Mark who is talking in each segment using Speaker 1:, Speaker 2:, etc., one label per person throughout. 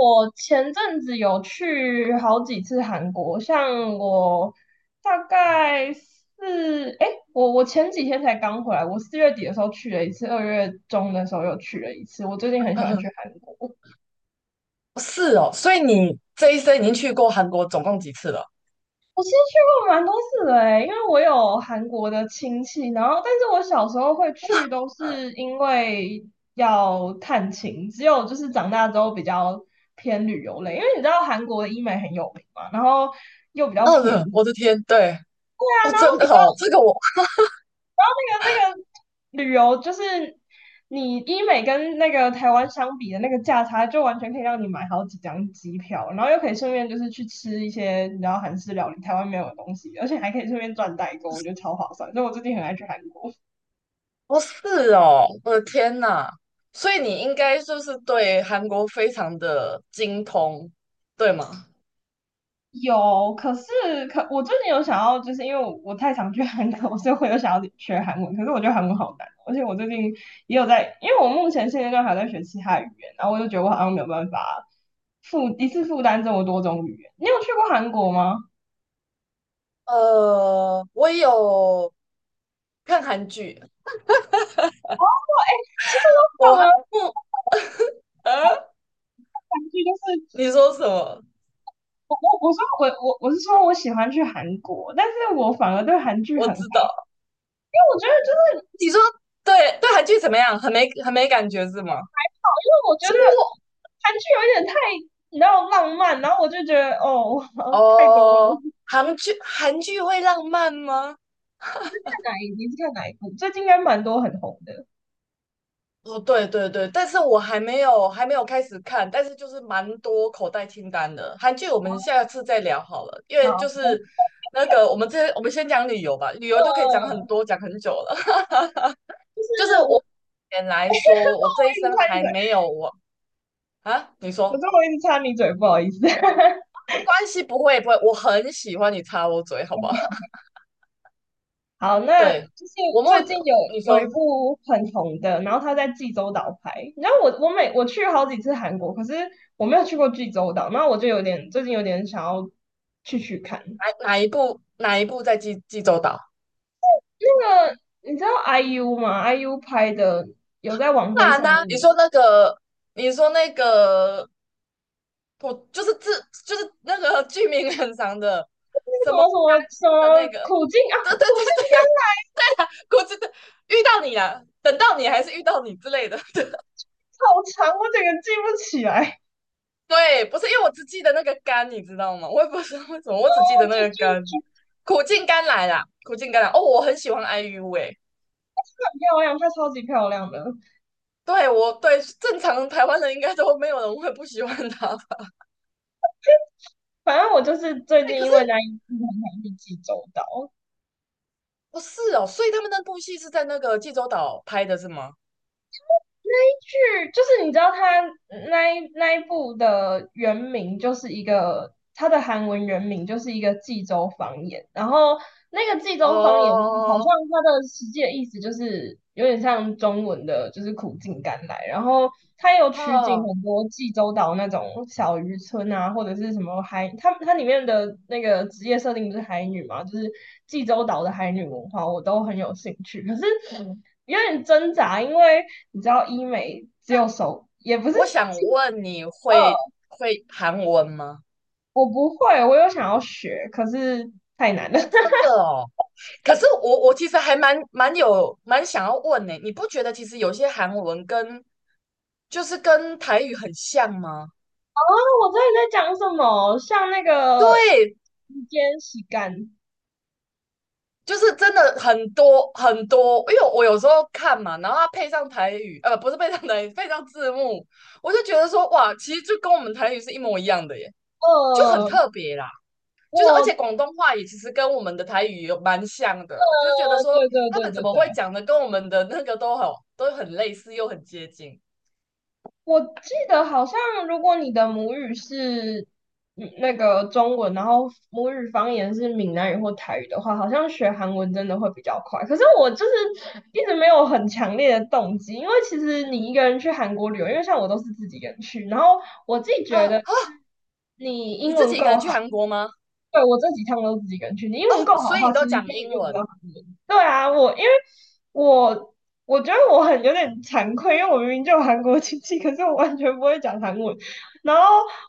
Speaker 1: 我前阵子有去好几次韩国，像我大概是我前几天才刚回来，我4月底的时候去了一次，2月中的时候又去了一次。我最近很喜
Speaker 2: 嗯
Speaker 1: 欢
Speaker 2: 哼。
Speaker 1: 去韩国。我
Speaker 2: 哦，是哦，所以你这一生已经去过韩国总共几次了？
Speaker 1: 我其实去过蛮多次的诶，因为我有韩国的亲戚，然后但是我小时候会去都是因为要探亲，只有就是长大之后比较偏旅游类，因为你知道韩国的医美很有名嘛，然后又比较
Speaker 2: 二
Speaker 1: 便
Speaker 2: 的，我
Speaker 1: 宜。
Speaker 2: 的天，对。哦，
Speaker 1: 然后
Speaker 2: 真
Speaker 1: 你。
Speaker 2: 的哦，这个我，
Speaker 1: 那个旅游，就是你医美跟那个台湾相比的那个价差，就完全可以让你买好几张机票，然后又可以顺便就是去吃一些你知道韩式料理，台湾没有的东西，而且还可以顺便赚代购，我觉得超划算。所以我最近很爱去韩国。
Speaker 2: 哦，是哦，我的天呐，所以你应该就是对韩国非常的精通，对吗？
Speaker 1: 有，可我最近有想要，就是因为我太常去韩国，所以我有想要学韩文。可是我觉得韩文好难哦，而且我最近也有在，因为我目前现阶段还在学其他语言，然后我就觉得我好像没有办法负一次负担这么多种语言。你有去过韩国吗？
Speaker 2: 我有看韩剧，
Speaker 1: 其实我
Speaker 2: 我
Speaker 1: 反
Speaker 2: 还
Speaker 1: 而
Speaker 2: 不，呃，
Speaker 1: 韩剧就
Speaker 2: 你
Speaker 1: 是
Speaker 2: 说什么？
Speaker 1: 我我我说我我我是说我喜欢去韩国，但是我反而对韩剧很
Speaker 2: 我
Speaker 1: 烦，因
Speaker 2: 知道，
Speaker 1: 为我觉得就是
Speaker 2: 你说，对，对韩剧怎么样？很没感觉是吗？
Speaker 1: 因为我觉
Speaker 2: 其实
Speaker 1: 得韩剧有一点太你知道浪漫，然后我就觉得哦
Speaker 2: 我，
Speaker 1: 太多了。
Speaker 2: 哦，韩剧会浪漫吗？
Speaker 1: 你是看哪一部？最近应该蛮多很红的。
Speaker 2: 哦，对对对，但是我还没有开始看，但是就是蛮多口袋清单的韩剧，我们下次再聊好了，因为就
Speaker 1: 好，
Speaker 2: 是那个我们先讲旅游吧，旅
Speaker 1: 呃，
Speaker 2: 游就可以讲很多，讲很久了。
Speaker 1: 是
Speaker 2: 就是
Speaker 1: 我
Speaker 2: 我目
Speaker 1: 我
Speaker 2: 前来说，我这一
Speaker 1: 一
Speaker 2: 生
Speaker 1: 直插你
Speaker 2: 还
Speaker 1: 嘴，
Speaker 2: 没有我啊，你
Speaker 1: 我说
Speaker 2: 说
Speaker 1: 我一直插你嘴，不好意思。
Speaker 2: 没关系，不会不会，我很喜欢你插我嘴，好不好？
Speaker 1: 好，那就
Speaker 2: 对，
Speaker 1: 是
Speaker 2: 我目
Speaker 1: 最近有
Speaker 2: 你
Speaker 1: 有一
Speaker 2: 说
Speaker 1: 部很红的，然后他在济州岛拍。你知道我去好几次韩国，可是我没有去过济州岛，那我就有点最近有点想要去看。
Speaker 2: 哪一部在济州岛？
Speaker 1: 那个你知道 IU 吗？IU 拍的有在网
Speaker 2: 当
Speaker 1: 飞
Speaker 2: 然
Speaker 1: 上
Speaker 2: 啦，你
Speaker 1: 映的，
Speaker 2: 说
Speaker 1: 那
Speaker 2: 那个你说那个我就是自，就是那个剧名很长的，
Speaker 1: 个什么什么
Speaker 2: 什么家
Speaker 1: 什
Speaker 2: 的那
Speaker 1: 么
Speaker 2: 个，
Speaker 1: 苦尽
Speaker 2: 对
Speaker 1: 啊，
Speaker 2: 对
Speaker 1: 苦
Speaker 2: 对
Speaker 1: 尽甘
Speaker 2: 对，
Speaker 1: 来，
Speaker 2: 我真的遇到你啦，等到你还是遇到你之类的。
Speaker 1: 好长，我整个记不起来。
Speaker 2: 对，不是因为我只记得那个甘，你知道吗？我也不知道为什么，我
Speaker 1: 哦，
Speaker 2: 只记得
Speaker 1: 这
Speaker 2: 那个
Speaker 1: 这
Speaker 2: 甘，
Speaker 1: 这
Speaker 2: 苦尽甘来啦，苦尽甘来。哦，我很喜欢 IU 哎、
Speaker 1: 很漂亮，她超级漂亮的。
Speaker 2: 对，我对正常台湾人应该都没有人会不喜欢他吧。
Speaker 1: 反正我就是最
Speaker 2: 哎，
Speaker 1: 近
Speaker 2: 可
Speaker 1: 因
Speaker 2: 是
Speaker 1: 为那一次很常去济州岛，
Speaker 2: 不是哦，所以他们那部戏是在那个济州岛拍的是吗？
Speaker 1: 剧就是你知道它那一部的原名就是一个它的韩文原名就是一个济州方言，然后那个济
Speaker 2: 哦，
Speaker 1: 州方言好像
Speaker 2: 哦，
Speaker 1: 它的实际的意思就是有点像中文的，就是苦尽甘来，然后它有
Speaker 2: 哦
Speaker 1: 取
Speaker 2: 哦
Speaker 1: 景
Speaker 2: 哦，
Speaker 1: 很多济州岛那种小渔村啊，或者是什么海，它里面的那个职业设定不是海女嘛，就是济州岛的海女文化，我都很有兴趣，可是。有点挣扎，因为你知道医美只有手，也不是，
Speaker 2: 我想问你会会韩文吗？
Speaker 1: 我不会，我有想要学，可是太难了。
Speaker 2: 哦，真 的哦。可是我其实还蛮想要问呢，你不觉得其实有些韩文跟就是跟台语很像吗？
Speaker 1: 啊，后我这里在讲什么？像那个肩洗干，
Speaker 2: 就是真的很多很多，因为我有时候看嘛，然后它配上台语，不是配上台语，配上字幕，我就觉得说哇，其实就跟我们台语是一模一样的耶，就很
Speaker 1: 呃，
Speaker 2: 特别啦。就是而
Speaker 1: 我，
Speaker 2: 且广东话也其实跟我们的台语有蛮像的，就是觉得说
Speaker 1: 对对
Speaker 2: 他
Speaker 1: 对
Speaker 2: 们怎
Speaker 1: 对
Speaker 2: 么会
Speaker 1: 对，
Speaker 2: 讲的跟我们的那个都很类似又很接近。
Speaker 1: 我记得好像，如果你的母语是那个中文，然后母语方言是闽南语或台语的话，好像学韩文真的会比较快。可是我就是一直没有很强烈的动机，因为其实你一个人去韩国旅游，因为像我都是自己一个人去，然后我自己
Speaker 2: 啊
Speaker 1: 觉得
Speaker 2: 啊！
Speaker 1: 你英
Speaker 2: 你自
Speaker 1: 文
Speaker 2: 己一个
Speaker 1: 够
Speaker 2: 人去
Speaker 1: 好。
Speaker 2: 韩国吗？
Speaker 1: 对，我这几趟都自己一个人去，你英文
Speaker 2: 哦，
Speaker 1: 够好的
Speaker 2: 所以
Speaker 1: 话，
Speaker 2: 你
Speaker 1: 其
Speaker 2: 都
Speaker 1: 实
Speaker 2: 讲
Speaker 1: 根本
Speaker 2: 英
Speaker 1: 用不到
Speaker 2: 文。
Speaker 1: 韩文。对啊，我我觉得我很有点惭愧，因为我明明就有韩国亲戚，可是我完全不会讲韩文。然后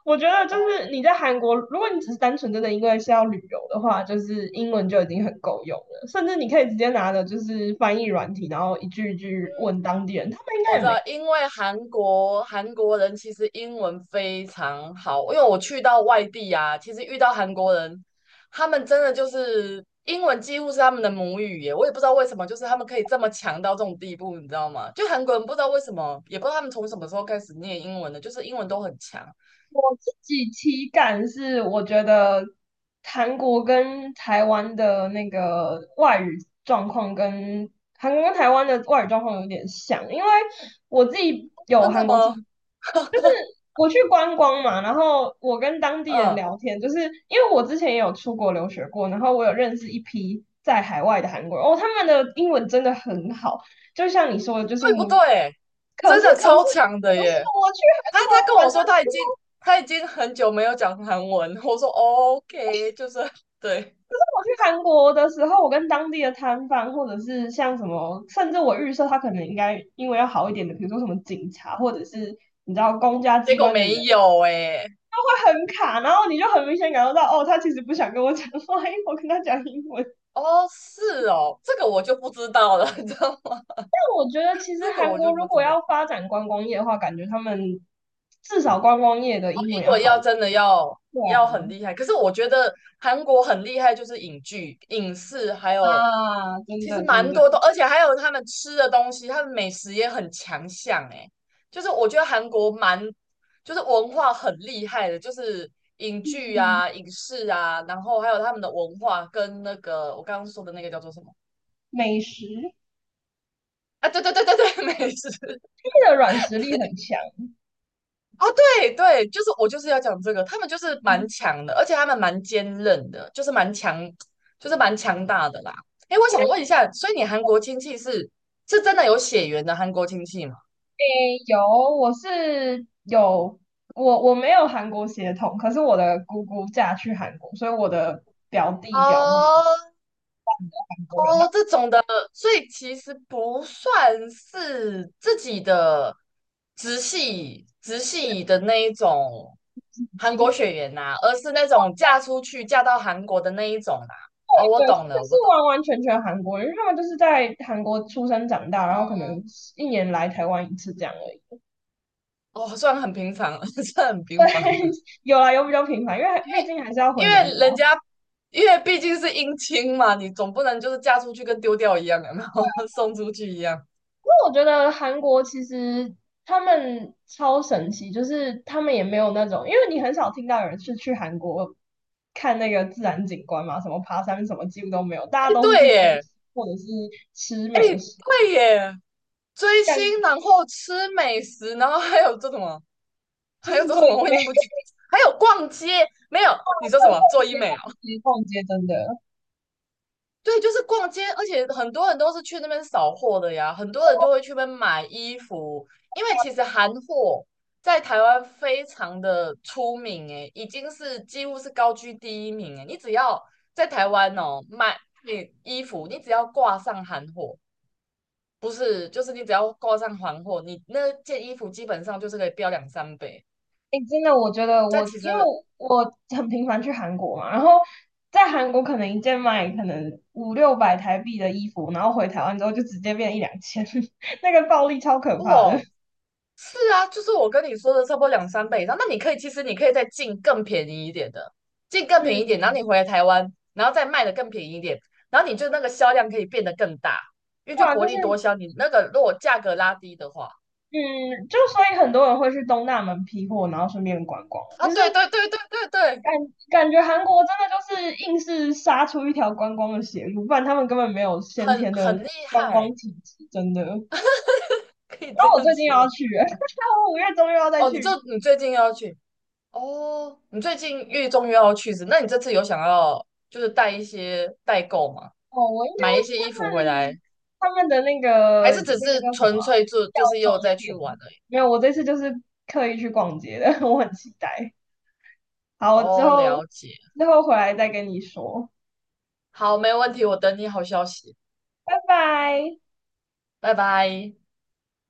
Speaker 1: 我觉得就
Speaker 2: 哦，
Speaker 1: 是你在韩国，如果你只是单纯真的因为是要旅游的话，就是英文就已经很够用了，甚至你可以直接拿着就是翻译软体，然后一句一句问当地人，他们应
Speaker 2: 我
Speaker 1: 该
Speaker 2: 知
Speaker 1: 也
Speaker 2: 道，
Speaker 1: 没
Speaker 2: 因为韩国人其实英文非常好，因为我去到外地啊，其实遇到韩国人，他们真的就是英文几乎是他们的母语耶，我也不知道为什么，就是他们可以这么强到这种地步，你知道吗？就韩国人不知道为什么，也不知道他们从什么时候开始念英文的，就是英文都很强。
Speaker 1: 自己体感是，我觉得韩国跟台湾的那个外语状况跟韩国跟台湾的外语状况有点像，因为我自己有
Speaker 2: 真的
Speaker 1: 韩国
Speaker 2: 吗？
Speaker 1: 经，我去观光嘛，然后我跟当地人
Speaker 2: 嗯，
Speaker 1: 聊天，就是因为我之前也有出国留学过，然后我有认识一批在海外的韩国人，哦，他们的英文真的很好，就像你说的，就是
Speaker 2: 对不
Speaker 1: 母语。
Speaker 2: 对？
Speaker 1: 可
Speaker 2: 真
Speaker 1: 是，
Speaker 2: 的
Speaker 1: 可
Speaker 2: 超
Speaker 1: 是，
Speaker 2: 强
Speaker 1: 可
Speaker 2: 的
Speaker 1: 是
Speaker 2: 耶！
Speaker 1: 我去韩
Speaker 2: 他跟
Speaker 1: 国玩
Speaker 2: 我
Speaker 1: 的
Speaker 2: 说他已
Speaker 1: 时
Speaker 2: 经他已经很久没有讲韩文，我说哦， OK,就是对。
Speaker 1: 我去韩国的时候，我跟当地的摊贩，或者是像什么，甚至我预设他可能应该因为要好一点的，比如说什么警察，或者是你知道公家
Speaker 2: 结
Speaker 1: 机
Speaker 2: 果
Speaker 1: 关的
Speaker 2: 没
Speaker 1: 人，
Speaker 2: 有哎、
Speaker 1: 会很卡，然后你就很明显感受到，哦，他其实不想跟我讲话，因为我跟他讲英文。
Speaker 2: 哦，是哦，这个我就不知道了，你知道吗？
Speaker 1: 我觉得其实
Speaker 2: 这个
Speaker 1: 韩
Speaker 2: 我
Speaker 1: 国
Speaker 2: 就不
Speaker 1: 如果
Speaker 2: 知道。
Speaker 1: 要发展观光业的话，感觉他们至少观光业的
Speaker 2: 哦，
Speaker 1: 英文
Speaker 2: 英
Speaker 1: 要
Speaker 2: 文
Speaker 1: 好
Speaker 2: 要
Speaker 1: 一点。
Speaker 2: 真的要
Speaker 1: 对
Speaker 2: 要很厉害，可是我觉得韩国很厉害，就是影剧、影视，还有
Speaker 1: 啊，啊真
Speaker 2: 其实
Speaker 1: 的真
Speaker 2: 蛮
Speaker 1: 的，
Speaker 2: 多的，而且还有他们吃的东西，他们美食也很强项哎。就是我觉得韩国蛮，就是文化很厉害的，就是影剧啊、影视啊，然后还有他们的文化跟那个我刚刚说的那个叫做什么？
Speaker 1: 美食，
Speaker 2: 啊，对对对对对，美食。
Speaker 1: 他们的软实力很强。
Speaker 2: 对对，就是我就是要讲这个，他们就是蛮强的，而且他们蛮坚韧的，就是蛮强，就是蛮强大的啦。哎，我想问一下，所以你韩国亲戚是是真的有血缘的韩国亲戚吗？
Speaker 1: 有，我是有，我没有韩国血统，可是我的姑姑嫁去韩国，所以我的表弟表妹是
Speaker 2: 哦，
Speaker 1: 韩国人，然
Speaker 2: 哦，这
Speaker 1: 后
Speaker 2: 种的，所以其实不算是自己的直系的那一种韩
Speaker 1: 其实
Speaker 2: 国血缘呐、而是那种嫁出去嫁到韩国的那一种啦、哦，我
Speaker 1: 对，
Speaker 2: 懂
Speaker 1: 他们
Speaker 2: 了，
Speaker 1: 是
Speaker 2: 我懂，
Speaker 1: 完完全全韩国人，因为他们就是在韩国出生长大，然后可能
Speaker 2: 嗯。
Speaker 1: 一年来台湾一次这样而已。
Speaker 2: 哦，算很平凡了，算很
Speaker 1: 对，
Speaker 2: 平凡 的，
Speaker 1: 有啊，有比较频繁，因为毕竟还是要
Speaker 2: 因
Speaker 1: 回娘
Speaker 2: 为
Speaker 1: 家。
Speaker 2: 人家，因为毕竟是姻亲嘛，你总不能就是嫁出去跟丢掉一样，有没有？送出去一样。
Speaker 1: 因为我觉得韩国其实他们超神奇，就是他们也没有那种，因为你很少听到有人是去韩国看那个自然景观嘛，什么爬山什么几乎都没有，大
Speaker 2: 哎，
Speaker 1: 家都是
Speaker 2: 对
Speaker 1: 去追
Speaker 2: 耶，
Speaker 1: 星或者是吃
Speaker 2: 哎，
Speaker 1: 美食，
Speaker 2: 对耶，追星，
Speaker 1: 感
Speaker 2: 然后吃美食，然后还有做什么？
Speaker 1: 就
Speaker 2: 还有
Speaker 1: 是
Speaker 2: 做
Speaker 1: 做
Speaker 2: 什么？
Speaker 1: 一
Speaker 2: 我已
Speaker 1: 类
Speaker 2: 经不记，还有逛街，没有？你说什么？做 医美？
Speaker 1: 逛街逛街，真的，
Speaker 2: 对，就是逛街，而且很多人都是去那边扫货的呀，很多人就会去那边买衣服，因为其实韩货在台湾非常的出名，诶，已经是几乎是高居第一名，诶，你只要在台湾哦买你衣服，你只要挂上韩货，不是，就是你只要挂上韩货，你那件衣服基本上就是可以标两三倍，
Speaker 1: 哎，真的，我觉得
Speaker 2: 但
Speaker 1: 我
Speaker 2: 其
Speaker 1: 因为
Speaker 2: 实
Speaker 1: 我很频繁去韩国嘛，然后在韩国可能一件卖可能五六百台币的衣服，然后回台湾之后就直接变一两千，那个暴利超可怕的。
Speaker 2: 哇，是啊，就是我跟你说的差不多两三倍以上。那你可以，其实你可以再进更便宜一点的，进更便宜一
Speaker 1: 嗯，
Speaker 2: 点，然后你回来台湾，然后再卖的更便宜一点，然后你就那个销量可以变得更大，因为就
Speaker 1: 对啊，就
Speaker 2: 薄
Speaker 1: 是
Speaker 2: 利多销。你那个如果价格拉低的话，
Speaker 1: 嗯，就所以很多人会去东大门批货，然后顺便观光，
Speaker 2: 啊，
Speaker 1: 就是
Speaker 2: 对对对对对对，
Speaker 1: 感感觉韩国真的就是硬是杀出一条观光的血路，不然他们根本没有先
Speaker 2: 很
Speaker 1: 天的
Speaker 2: 很厉
Speaker 1: 观光
Speaker 2: 害，
Speaker 1: 体质，真的。然
Speaker 2: 可以这
Speaker 1: 后我最
Speaker 2: 样
Speaker 1: 近又要
Speaker 2: 说。
Speaker 1: 去了，我5月中又要再
Speaker 2: 哦，
Speaker 1: 去。
Speaker 2: 你最近又要去哦，你最近月中又要去是？那你这次有想要就是带一些代购吗？
Speaker 1: 哦，我应该
Speaker 2: 买
Speaker 1: 会
Speaker 2: 一
Speaker 1: 去
Speaker 2: 些衣服
Speaker 1: 他
Speaker 2: 回
Speaker 1: 们
Speaker 2: 来
Speaker 1: 他们的那
Speaker 2: 还
Speaker 1: 个
Speaker 2: 是只
Speaker 1: 那个
Speaker 2: 是
Speaker 1: 叫什么
Speaker 2: 纯
Speaker 1: 啊
Speaker 2: 粹就
Speaker 1: 药
Speaker 2: 就是
Speaker 1: 妆
Speaker 2: 又再去
Speaker 1: 店。
Speaker 2: 玩而已？
Speaker 1: 没有，我这次就是刻意去逛街的，我很期待。好，我之
Speaker 2: 哦，
Speaker 1: 后
Speaker 2: 了解。
Speaker 1: 之后回来再跟你说，
Speaker 2: 好，没问题，我等你好消息，
Speaker 1: 拜拜。
Speaker 2: 拜拜。